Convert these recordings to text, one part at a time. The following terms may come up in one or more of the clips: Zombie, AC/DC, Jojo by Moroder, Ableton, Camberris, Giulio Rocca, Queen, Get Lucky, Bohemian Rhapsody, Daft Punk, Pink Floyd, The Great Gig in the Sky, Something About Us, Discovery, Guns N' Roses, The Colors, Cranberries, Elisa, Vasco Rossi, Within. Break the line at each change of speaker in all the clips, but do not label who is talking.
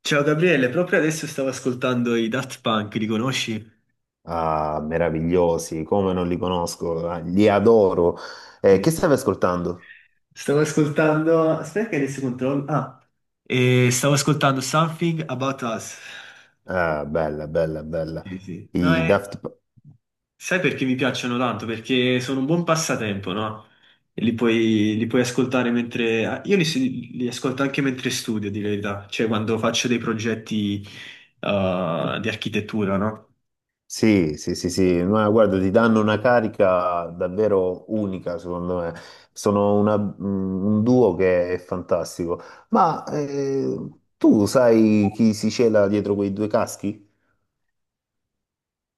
Ciao Gabriele, proprio adesso stavo ascoltando i Daft Punk, li conosci?
Ah, meravigliosi, come non li conosco, ah, li adoro.
Sì.
Che stavi ascoltando?
Stavo ascoltando... Aspetta che adesso controllo... E stavo ascoltando Something About Us.
Ah, bella, bella, bella.
Sì, sì. No,
I
è...
Daft P-
Sai perché mi piacciono tanto? Perché sono un buon passatempo, no? E li puoi ascoltare mentre... Io li ascolto anche mentre studio, di verità, cioè quando faccio dei progetti di architettura, no?
Sì, sì, sì, sì, ma guarda, ti danno una carica davvero unica, secondo me. Un duo che è fantastico. Ma tu sai chi si cela dietro quei due caschi?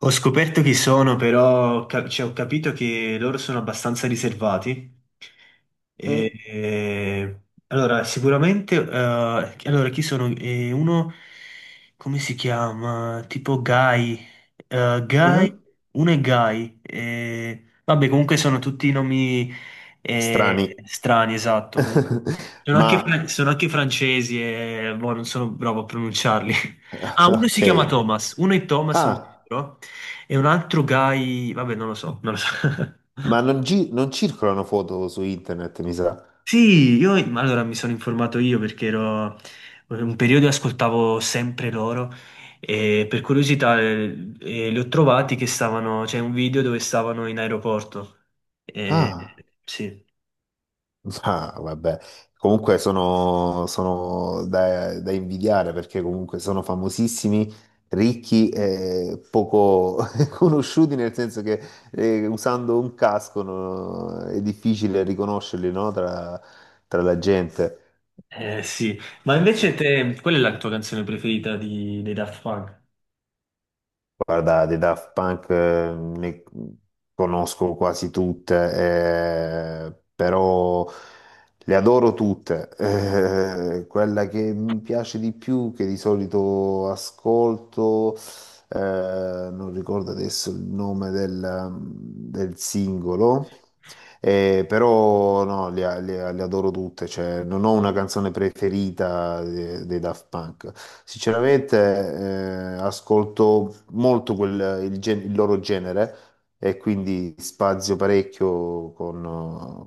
Ho scoperto chi sono, però cioè, ho capito che loro sono abbastanza riservati.
Eh?
E- e- allora, sicuramente, allora, chi sono? Uno, come si chiama? Tipo Guy. Eh, Guy,
Mhm.
uno è Guy. Vabbè, comunque sono tutti nomi
Strani.
strani, esatto. Comunque, sono anche,
Ma,
sono anche francesi e boh, non sono bravo a pronunciarli. Ah, uno
ok.
si chiama Thomas, uno è Thomas, sono
Ah.
sicuro. E un altro guy, vabbè, non lo so, non lo so.
Ma non, non circolano foto su internet, mi sa.
Sì, io ma allora mi sono informato io perché ero un periodo ascoltavo sempre loro e per curiosità li ho trovati che stavano, c'è un video dove stavano in aeroporto. Eh,
Ah,
sì.
ah, vabbè. Comunque sono da invidiare, perché comunque sono famosissimi, ricchi e poco conosciuti, nel senso che usando un casco, no, è difficile riconoscerli, no, tra la gente.
Sì. Ma invece te, qual è la tua canzone preferita dei Daft Punk?
Guarda, dei Daft Punk ne conosco quasi tutte, però le adoro tutte. Quella che mi piace di più, che di solito ascolto, non ricordo adesso il nome del singolo, però no, le adoro tutte, cioè, non ho una canzone preferita dei Daft Punk. Sinceramente, ascolto molto il loro genere e quindi spazio parecchio con,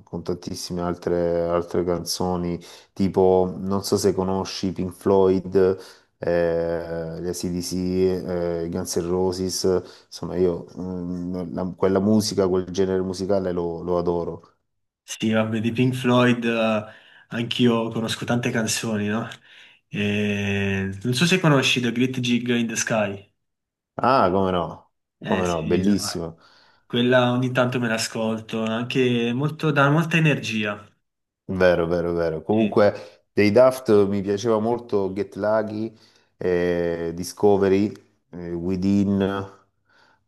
eh, con tantissime altre canzoni, tipo, non so se conosci Pink Floyd, gli AC/DC, i Guns N' Roses, insomma io quella musica, quel genere musicale lo adoro.
Sì, vabbè, di Pink Floyd, anch'io conosco tante canzoni, no? Non so se conosci The Great Gig in the Sky.
Ah, come no,
Eh
come no,
sì, no, eh,
bellissimo,
quella ogni tanto me l'ascolto, anche molto, dà molta energia.
vero, vero, vero.
Sì.
Comunque dei Daft mi piaceva molto Get Lucky, Discovery, Within,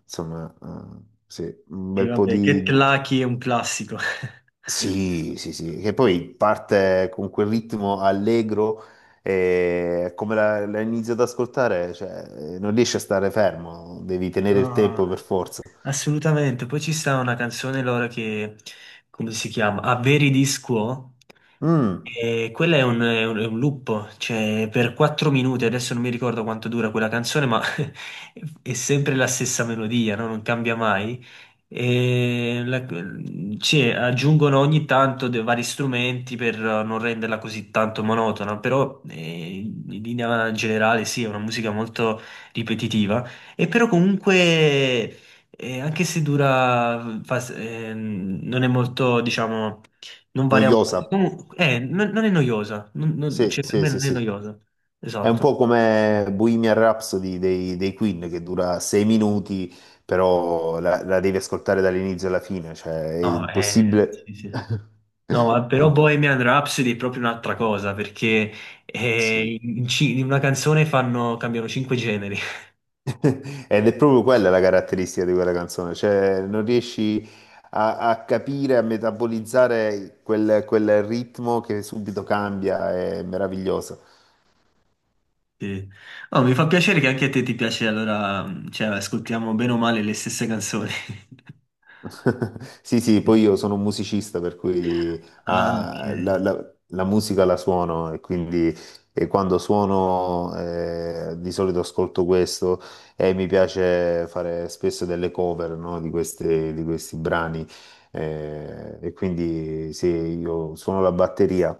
insomma, sì, un
E
bel po'
vabbè,
di,
Get Lucky è un classico.
sì, sì, sì, che poi parte con quel ritmo allegro e come la inizio ad ascoltare, cioè, non riesci a stare fermo, devi tenere il
Ah,
tempo per forza.
assolutamente. Poi ci sta una canzone loro che, come si chiama? Averi di Quo?
Mm,
E quella è un, è un loop, cioè per 4 minuti, adesso non mi ricordo quanto dura quella canzone, ma è sempre la stessa melodia, no? Non cambia mai. E la- sì, aggiungono ogni tanto dei vari strumenti per non renderla così tanto monotona, però in linea generale sì, è una musica molto ripetitiva, e però comunque, anche se dura, non è molto, diciamo non varia
noiosa,
molto. Comunque, non è noiosa.
sì,
Cioè per
sì,
me
sì,
non è
sì.
noiosa.
È un
Esatto.
po' come Bohemian Rhapsody dei Queen che dura 6 minuti, però la devi ascoltare dall'inizio alla fine, cioè è
No, sì,
impossibile.
sì. No,
È
però
un-
Bohemian Rhapsody è proprio un'altra cosa, perché
Sì.
in una canzone fanno, cambiano cinque generi.
Ed è proprio quella la caratteristica di quella canzone, cioè non riesci a capire, a metabolizzare quel ritmo che subito cambia, è meraviglioso.
Sì. Oh, mi fa piacere che anche a te ti piace, allora, cioè, ascoltiamo bene o male le stesse canzoni.
Sì, sì, poi io sono un musicista, per cui
Ah, ok.
la musica la suono e quindi quando suono di solito ascolto questo e mi piace fare spesso delle cover, no, di di questi brani e quindi sì, io suono la batteria.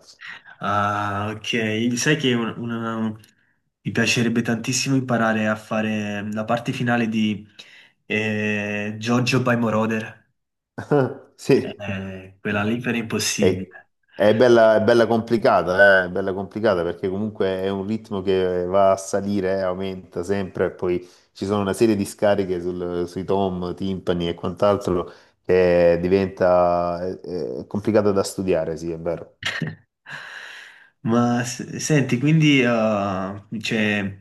Ah, ok. Sai che un- una- mi piacerebbe tantissimo imparare a fare la parte finale di Jojo by Moroder.
Sì,
Quella lì per
è,
impossibile.
è bella, è bella complicata, è bella complicata perché comunque è un ritmo che va a salire, aumenta sempre e poi ci sono una serie di scariche sui tom, timpani e quant'altro che diventa è complicata da studiare, sì, è vero.
Senti, quindi cioè,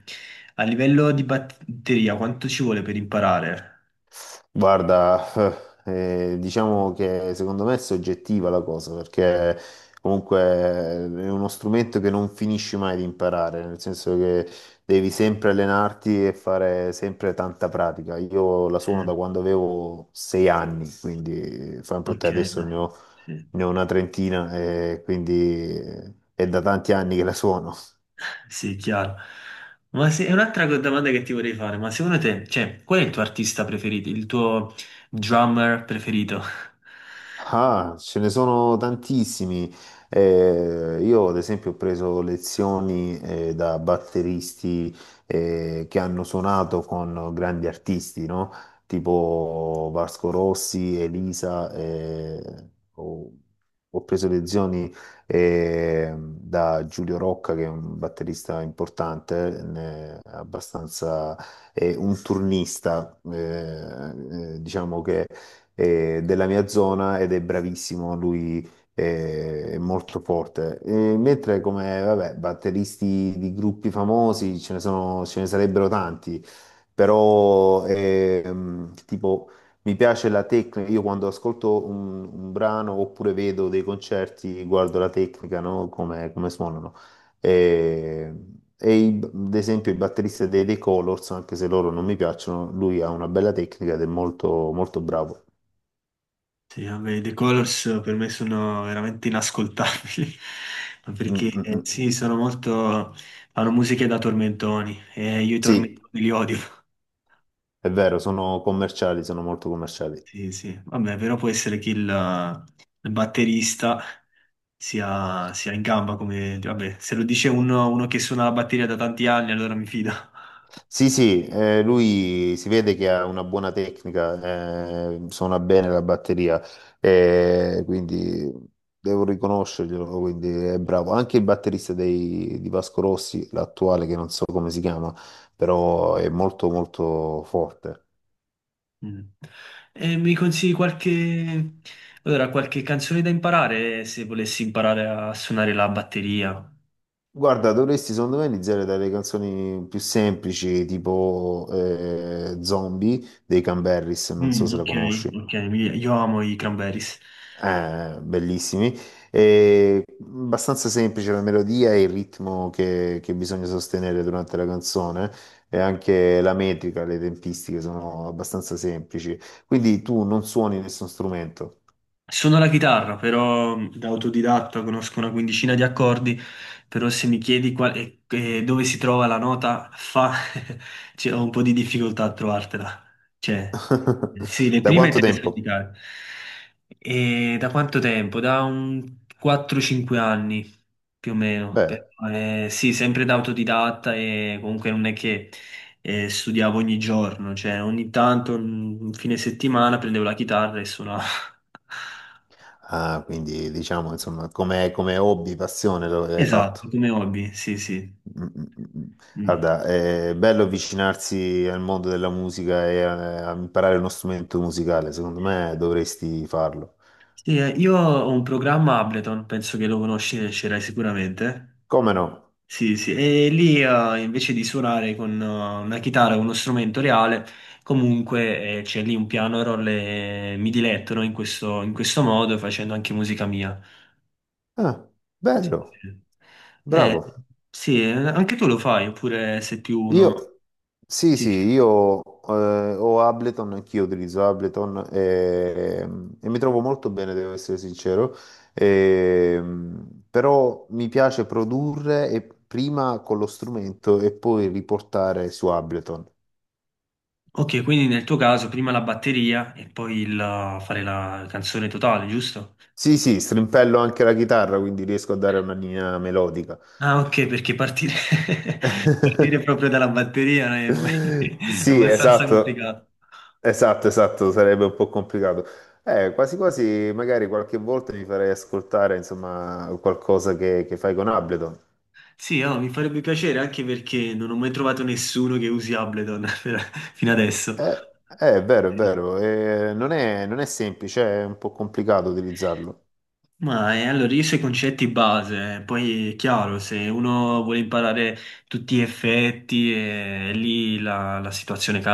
a livello di batteria, quanto ci vuole per imparare?
Guarda, diciamo che secondo me è soggettiva la cosa, perché comunque è uno strumento che non finisci mai di imparare, nel senso che devi sempre allenarti e fare sempre tanta pratica. Io la
Sì.
suono da quando avevo 6 anni, quindi fa un po' te
Ok,
adesso
no.
ne ho,
Sì.
ne ho una trentina, e quindi è da tanti anni che la suono.
Sì, chiaro. Ma se, è un'altra co- domanda che ti vorrei fare, ma secondo te, cioè, qual è il tuo artista preferito, il tuo drummer preferito?
Ah, ce ne sono tantissimi. Io, ad esempio, ho preso lezioni da batteristi che hanno suonato con grandi artisti, no? Tipo Vasco Rossi, Elisa. Ho, ho preso lezioni da Giulio Rocca, che è un batterista importante, abbastanza un turnista, diciamo che della mia zona ed è bravissimo, lui è molto forte. E mentre come, vabbè, batteristi di gruppi famosi ce ne sono, ce ne sarebbero tanti, però tipo... Mi piace la tecnica, io quando ascolto un brano oppure vedo dei concerti, guardo la tecnica, no? Come suonano. E, e ad esempio il batterista dei The Colors, anche se loro non mi piacciono, lui ha una bella tecnica ed è molto, molto bravo.
Sì, vabbè, i The Colors per me sono veramente inascoltabili, ma
Mm,
perché
mm, mm.
sì, sono molto... fanno musiche da tormentoni e io i
Sì,
tormentoni li odio.
è vero, sono commerciali, sono molto commerciali.
Sì, sì, vabbè, però può essere che il batterista sia in gamba come... vabbè, se lo dice uno, uno che suona la batteria da tanti anni, allora mi fido.
Sì, sì, lui si vede che ha una buona tecnica, suona bene la batteria, quindi devo riconoscerglielo, quindi è bravo. Anche il batterista di Vasco Rossi, l'attuale, che non so come si chiama, però è molto molto forte.
Mm. E mi consigli qualche... Allora, qualche canzone da imparare se volessi imparare a suonare la batteria?
Guarda, dovresti secondo me iniziare dalle canzoni più semplici, tipo Zombie dei Camberris, non so
Mm,
se la
ok,
conosci,
ok, io amo i Cranberries.
bellissimi, e abbastanza semplice la melodia e il ritmo che bisogna sostenere durante la canzone e anche la metrica, le tempistiche sono abbastanza semplici, quindi tu non suoni nessun strumento.
Suono la chitarra, però da autodidatta conosco una quindicina di accordi, però se mi chiedi e dove si trova la nota fa, cioè, ho un po' di difficoltà a trovartela. Cioè, sì, le
Da
prime
quanto
te le so
tempo?
indicare. E da quanto tempo? Da un 4-5 anni più o meno. Però,
Beh,
sì, sempre da autodidatta e comunque non è che studiavo ogni giorno, cioè ogni tanto, un fine settimana, prendevo la chitarra e suonavo.
quindi diciamo insomma come hobby, passione l'hai
Esatto,
fatto.
come hobby, sì, sì.
Mm, mm, mm.
Mm.
Guarda, è bello avvicinarsi al mondo della musica e a imparare uno strumento musicale. Secondo me dovresti farlo.
Sì, io ho un programma Ableton, penso che lo conosci, e ce l'hai sicuramente.
Come no?
Sì, sì, e lì invece di suonare con una chitarra, con uno strumento reale, comunque c'è lì un piano roll e mi diletto, no, in questo modo, facendo anche musica mia.
Ah, bello,
Eh,
bravo.
sì, anche tu lo fai, oppure sei più uno...
Io, sì,
Sì,
sì,
sì.
io ho Ableton, anch'io utilizzo Ableton e mi trovo molto bene, devo essere sincero. Però mi piace produrre e prima con lo strumento e poi riportare su Ableton.
Ok, quindi nel tuo caso prima la batteria e poi il, fare la canzone totale, giusto?
Sì, sì, strimpello anche la chitarra, quindi riesco a dare una linea melodica.
Ah, ok, perché partire, partire proprio dalla batteria è, è
Sì,
abbastanza
esatto,
complicato.
esatto, esatto, sarebbe un po' complicato. Quasi quasi, magari qualche volta mi farei ascoltare, insomma, qualcosa che fai con Ableton.
Sì, oh, mi farebbe piacere anche perché non ho mai trovato nessuno che usi Ableton per- fino adesso.
Eh, è vero, è
Sì.
vero, non è semplice, è un po' complicato utilizzarlo.
Ma allora io so i concetti base, poi è chiaro, se uno vuole imparare tutti gli effetti, lì la situazione cambia.